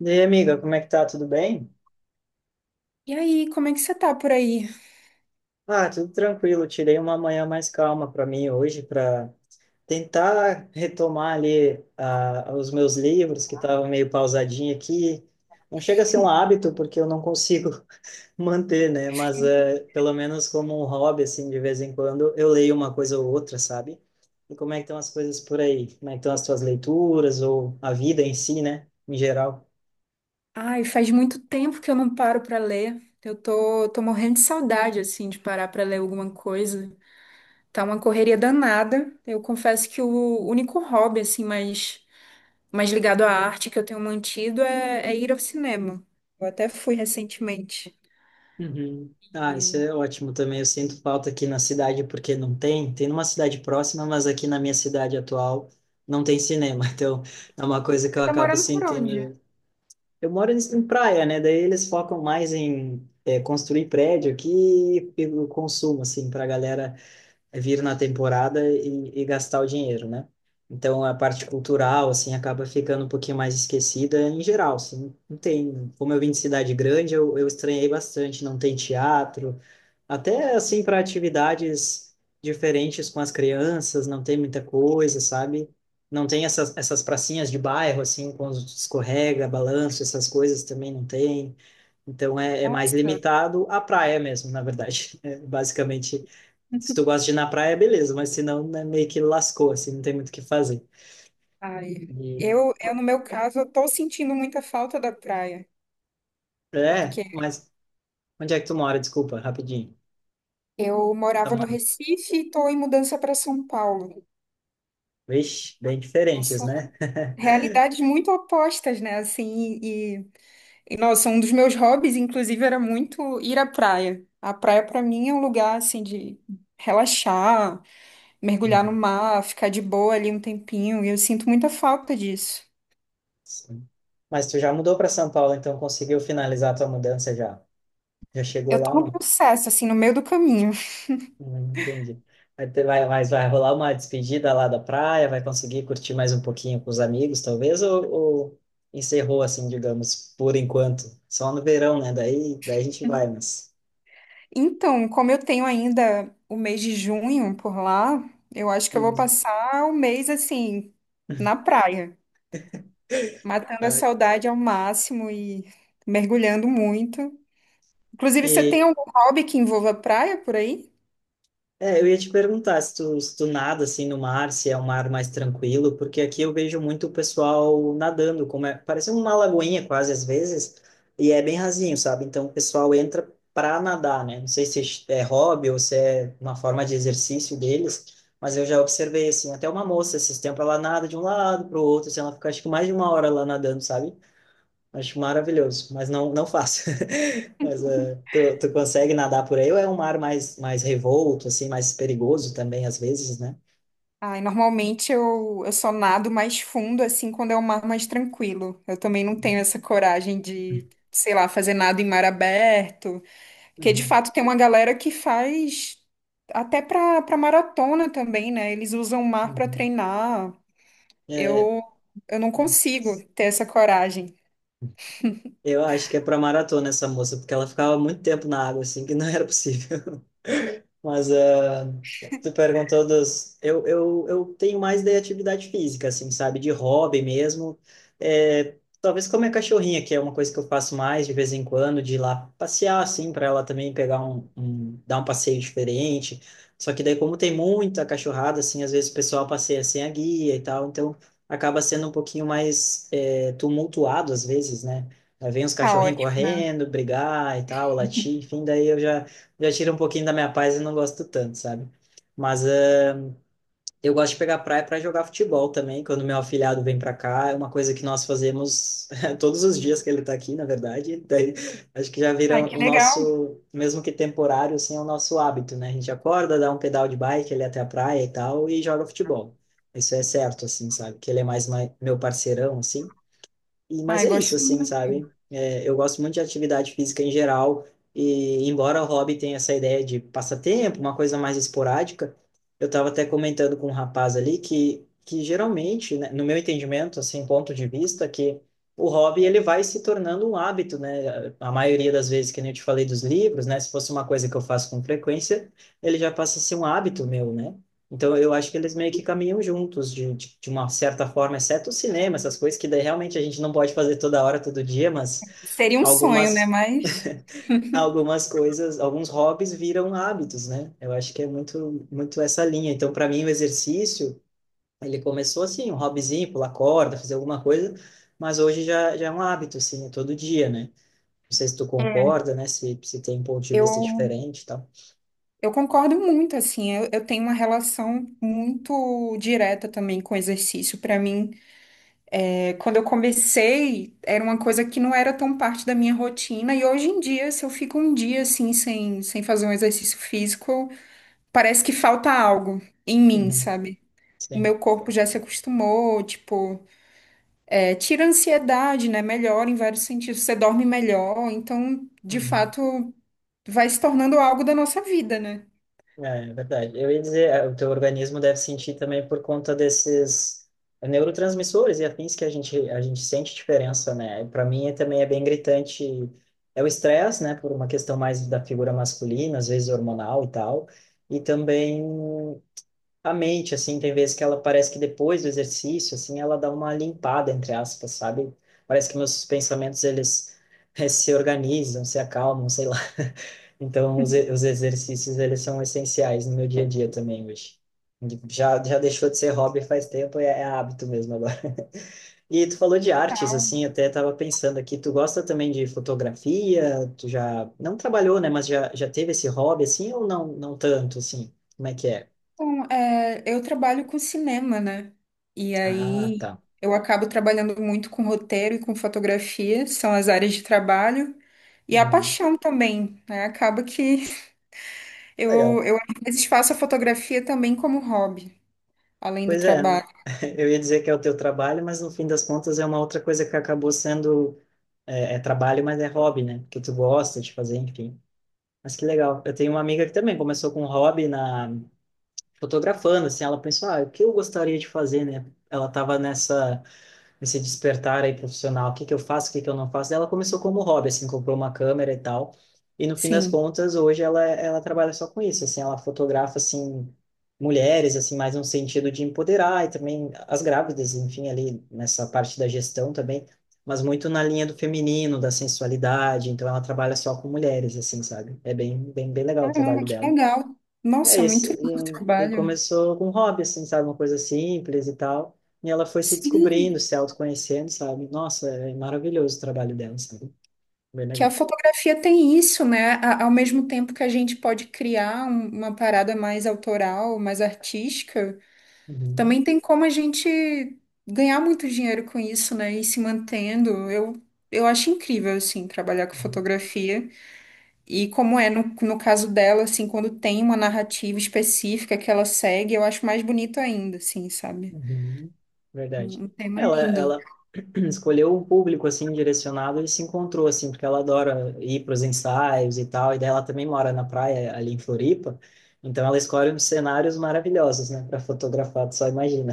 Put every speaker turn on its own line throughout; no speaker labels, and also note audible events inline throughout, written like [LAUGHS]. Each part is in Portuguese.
E aí, amiga, como é que tá? Tudo bem?
E aí, como é que você tá por aí?
Ah, tudo tranquilo. Tirei uma manhã mais calma para mim hoje para tentar retomar ali os meus livros que estavam meio pausadinho aqui. Não chega a ser um hábito porque eu não consigo [LAUGHS] manter, né? Mas pelo menos como um hobby assim, de vez em quando eu leio uma coisa ou outra, sabe? E como é que estão as coisas por aí? Como é que estão as tuas leituras ou a vida em si, né? Em geral.
Ai, faz muito tempo que eu não paro pra ler. Eu tô, morrendo de saudade, assim, de parar pra ler alguma coisa. Tá uma correria danada. Eu confesso que o único hobby, assim, mais ligado à arte que eu tenho mantido é ir ao cinema. Eu até fui recentemente.
Uhum. Ah,
E
isso
você
é ótimo também. Eu sinto falta aqui na cidade porque não tem. Tem numa cidade próxima, mas aqui na minha cidade atual não tem cinema. [LAUGHS] Então é uma coisa que eu
tá
acabo
morando por onde?
sentindo. Eu moro em praia, né? Daí eles focam mais em construir prédio aqui e o consumo, assim, para a galera é vir na temporada e gastar o dinheiro, né? Então a parte cultural assim acaba ficando um pouquinho mais esquecida em geral, assim, não tem, como eu vim de cidade grande, eu estranhei bastante, não tem teatro, até assim para atividades diferentes com as crianças, não tem muita coisa, sabe? Não tem essas pracinhas de bairro assim com os escorrega, balanço, essas coisas também não tem. Então é mais
Nossa,
limitado à praia mesmo, na verdade. [LAUGHS] É basicamente se tu gosta de ir na praia, beleza, mas se não, né, meio que lascou, assim, não tem muito o que fazer.
ai,
E-
eu no meu caso, eu tô sentindo muita falta da praia,
É,
porque
mas onde é que tu mora? Desculpa, rapidinho.
eu
Tu
morava no
mora...
Recife e tô em mudança para São Paulo.
Vixe, bem diferentes,
Nossa,
né? [LAUGHS]
realidades muito opostas, né? Assim, e nossa, um dos meus hobbies, inclusive, era muito ir à praia. A praia, pra mim, é um lugar assim de relaxar, mergulhar no
Uhum.
mar, ficar de boa ali um tempinho, e eu sinto muita falta disso.
Sim. Mas tu já mudou para São Paulo, então conseguiu finalizar a tua mudança já? Já chegou
Eu tô
lá,
no
não?
processo, assim, no meio do caminho.
Entendi. Mas vai rolar uma despedida lá da praia? Vai conseguir curtir mais um pouquinho com os amigos, talvez? Ou encerrou, assim, digamos, por enquanto? Só no verão, né? Daí a gente vai, mas...
Então, como eu tenho ainda o mês de junho por lá, eu acho que eu vou
Hum.
passar o mês assim na praia, matando a
Ah.
saudade ao máximo e mergulhando muito. Inclusive, você
E,
tem algum hobby que envolva praia por aí?
eu ia te perguntar se tu, se tu nada assim no mar, se é um mar mais tranquilo, porque aqui eu vejo muito o pessoal nadando, como é, parece uma lagoinha quase às vezes, e é bem rasinho, sabe? Então o pessoal entra para nadar, né? Não sei se é hobby ou se é uma forma de exercício deles, mas eu já observei assim, até uma moça esses tempos ela nada de um lado para o outro, assim, ela fica acho que mais de uma hora lá nadando, sabe? Acho maravilhoso, mas não, não faço. [LAUGHS] Mas tu, tu consegue nadar por aí ou é um mar mais, mais revolto, assim, mais perigoso também às vezes, né?
Ai, normalmente eu só nado mais fundo, assim, quando é um mar mais tranquilo. Eu também não tenho essa coragem de, sei lá, fazer nada em mar aberto. Porque, de
Uhum,
fato, tem uma galera que faz até pra maratona também, né? Eles usam o mar pra
uhum.
treinar.
É,
Eu, eu não consigo ter essa coragem.
eu acho que é para maratona essa moça, porque ela ficava muito tempo na água, assim, que não era possível. Mas tu perguntou dos. Eu tenho mais de atividade física, assim, sabe? De hobby mesmo. É, talvez comer cachorrinha, que é uma coisa que eu faço mais de vez em quando, de ir lá passear, assim, para ela também pegar dar um passeio diferente. Só que daí, como tem muita cachorrada, assim, às vezes o pessoal passeia sem a guia e tal, então acaba sendo um pouquinho mais tumultuado às vezes, né? Aí vem os
Tá
cachorrinhos
ótimo, né?
correndo, brigar e tal, latir, enfim, daí eu já tira um pouquinho da minha paz e não gosto tanto, sabe? Mas eu gosto de pegar praia para jogar futebol também, quando meu afilhado vem para cá, é uma coisa que nós fazemos [LAUGHS] todos os dias que ele tá aqui, na verdade. [LAUGHS] Daí, acho que já
Ai,
vira
que
o
legal.
nosso, mesmo que temporário, assim, é o nosso hábito, né? A gente acorda, dá um pedal de bike ali até a praia e tal, e joga futebol. Isso é certo, assim, sabe? Que ele é mais meu parceirão, assim. E, mas
Ai,
é isso,
gosto
assim,
muito.
sabe? É, eu gosto muito de atividade física em geral, e embora o hobby tenha essa ideia de passatempo, uma coisa mais esporádica, eu estava até comentando com um rapaz ali que geralmente, né, no meu entendimento, assim, ponto de vista, que o hobby ele vai se tornando um hábito, né? A maioria das vezes, que nem eu te falei dos livros, né? Se fosse uma coisa que eu faço com frequência, ele já passa a ser um hábito meu, né? Então, eu acho que eles meio que caminham juntos, de uma certa forma, exceto o cinema, essas coisas que daí realmente a gente não pode fazer toda hora, todo dia, mas
Seria um sonho, né?
algumas,
Mas...
[LAUGHS] algumas coisas, alguns hobbies viram hábitos, né? Eu acho que é muito essa linha. Então, para mim, o exercício, ele começou assim, um hobbyzinho, pular corda, fazer alguma coisa, mas hoje já é um hábito, assim, é todo dia, né? Não sei se tu
É.
concorda, né? Se tem um ponto de vista
Eu
diferente e tal.
Eu concordo muito, assim, eu tenho uma relação muito direta também com o exercício. Para mim, é, quando eu comecei, era uma coisa que não era tão parte da minha rotina, e hoje em dia, se eu fico um dia assim, sem fazer um exercício físico, parece que falta algo em mim,
Uhum,
sabe? O
sim.
meu corpo já se acostumou, tipo, é, tira a ansiedade, né? Melhora em vários sentidos, você dorme melhor, então, de
Uhum.
fato, vai se tornando algo da nossa vida, né?
É verdade. Eu ia dizer, é, o teu organismo deve sentir também por conta desses neurotransmissores e afins que a gente sente diferença, né? Para mim é, também é bem gritante. É o estresse, né? Por uma questão mais da figura masculina, às vezes hormonal e tal. E também a mente, assim, tem vezes que ela parece que depois do exercício, assim, ela dá uma limpada, entre aspas, sabe? Parece que meus pensamentos, eles se organizam, se acalmam, sei lá. [LAUGHS] Então, os exercícios, eles são essenciais no meu dia a dia também hoje. Já deixou de ser hobby faz tempo, é hábito mesmo agora. [LAUGHS] E tu falou de artes, assim, até tava pensando aqui, tu gosta também de fotografia? Tu já, não trabalhou, né, mas já teve esse hobby, assim, ou não, não tanto, assim? Como é que é?
Bom, é, eu trabalho com cinema, né? E
Ah,
aí
tá.
eu acabo trabalhando muito com roteiro e com fotografia, são as áreas de trabalho. E a
Uhum.
paixão também, né? Acaba que [LAUGHS] eu,
Legal.
eu às vezes faço a fotografia também como hobby, além do
Pois é, né?
trabalho.
[LAUGHS] Eu ia dizer que é o teu trabalho, mas no fim das contas é uma outra coisa que acabou sendo, é trabalho, mas é hobby, né? Que tu gosta de fazer, enfim. Mas que legal. Eu tenho uma amiga que também começou com um hobby na fotografando, assim, ela pensou, ah, o que eu gostaria de fazer, né? Ela tava nessa nesse despertar aí profissional, o que que eu faço, o que que eu não faço. Ela começou como hobby, assim, comprou uma câmera e tal. E no fim das
Sim.
contas, hoje ela trabalha só com isso, assim, ela fotografa assim mulheres, assim, mais no sentido de empoderar e também as grávidas, enfim, ali nessa parte da gestão também, mas muito na linha do feminino, da sensualidade, então ela trabalha só com mulheres, assim, sabe? É bem legal o trabalho
Caramba, que
dela.
legal.
É
Nossa, é
isso.
muito lindo o
E
trabalho.
começou com um hobby, assim, sabe? Uma coisa simples e tal. E ela foi se
Sim,
descobrindo, se autoconhecendo, sabe? Nossa, é maravilhoso o trabalho dela, sabe? Bem
que a
legal.
fotografia tem isso, né? Ao mesmo tempo que a gente pode criar uma parada mais autoral, mais artística.
Uhum,
Também tem como a gente ganhar muito dinheiro com isso, né? E se mantendo. Eu acho incrível, assim, trabalhar com
uhum,
fotografia. E como é no, no caso dela, assim, quando tem uma narrativa específica que ela segue, eu acho mais bonito ainda, assim, sabe?
uhum. Verdade.
Um tema
Ela,
lindo.
ela [CLEARS THROAT] escolheu um público, assim, direcionado e se encontrou, assim, porque ela adora ir para os ensaios e tal. E daí ela também mora na praia, ali em Floripa. Então ela escolhe uns cenários maravilhosos, né? Para fotografar, tu só imagina.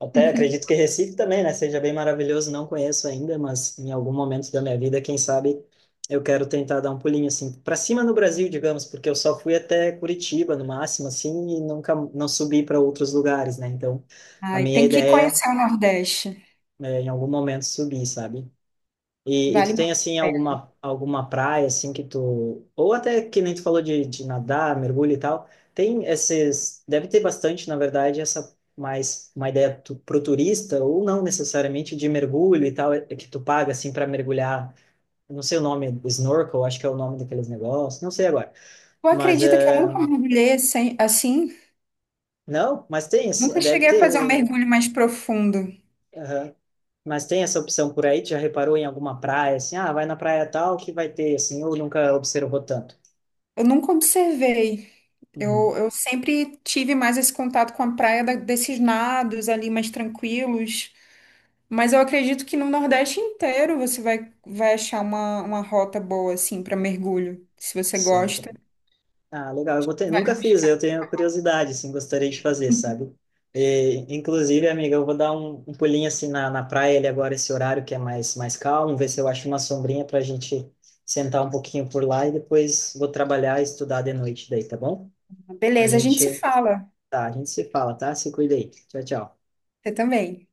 Até acredito
[LAUGHS]
que Recife também, né? Seja bem maravilhoso, não conheço ainda, mas em algum momento da minha vida, quem sabe, eu quero tentar dar um pulinho assim para cima no Brasil, digamos, porque eu só fui até Curitiba no máximo, assim, e nunca não subi para outros lugares, né? Então, a
Ai,
minha
tem que
ideia
conhecer o Nordeste.
é em algum momento subir, sabe? E tu
Vale
tem
muito.
assim alguma praia assim que tu ou até que nem tu falou de nadar, mergulho e tal. Tem esses, deve ter bastante, na verdade, essa mais uma ideia tu, pro turista ou não necessariamente de mergulho e tal, é que tu paga assim para mergulhar. Eu não sei o nome, snorkel, acho que é o nome daqueles negócios, não sei agora.
Tu
Mas
acredita que eu
eh,
nunca mergulhei assim?
não, mas tem,
Nunca
deve
cheguei a
ter,
fazer um mergulho mais profundo.
aham. Mas tem essa opção por aí, tu já reparou em alguma praia assim, ah, vai na praia tal que vai ter assim, ou nunca observou tanto.
Eu nunca observei.
Uhum.
Eu sempre tive mais esse contato com a praia desses nados ali mais tranquilos, mas eu acredito que no Nordeste inteiro você vai, vai achar uma rota boa assim para mergulho, se você
Sim.
gosta.
Ah, legal. Eu vou ter... Nunca
Vai.
fiz, eu tenho curiosidade, assim, gostaria de fazer, sabe? E, inclusive, amiga, eu vou dar um pulinho, assim, na praia ali agora, esse horário que é mais, mais calmo, ver se eu acho uma sombrinha para a gente sentar um pouquinho por lá e depois vou trabalhar e estudar de noite daí, tá bom? A
Beleza, a gente se
gente,
fala.
tá, a gente se fala, tá? Se cuida aí. Tchau, tchau.
Você também.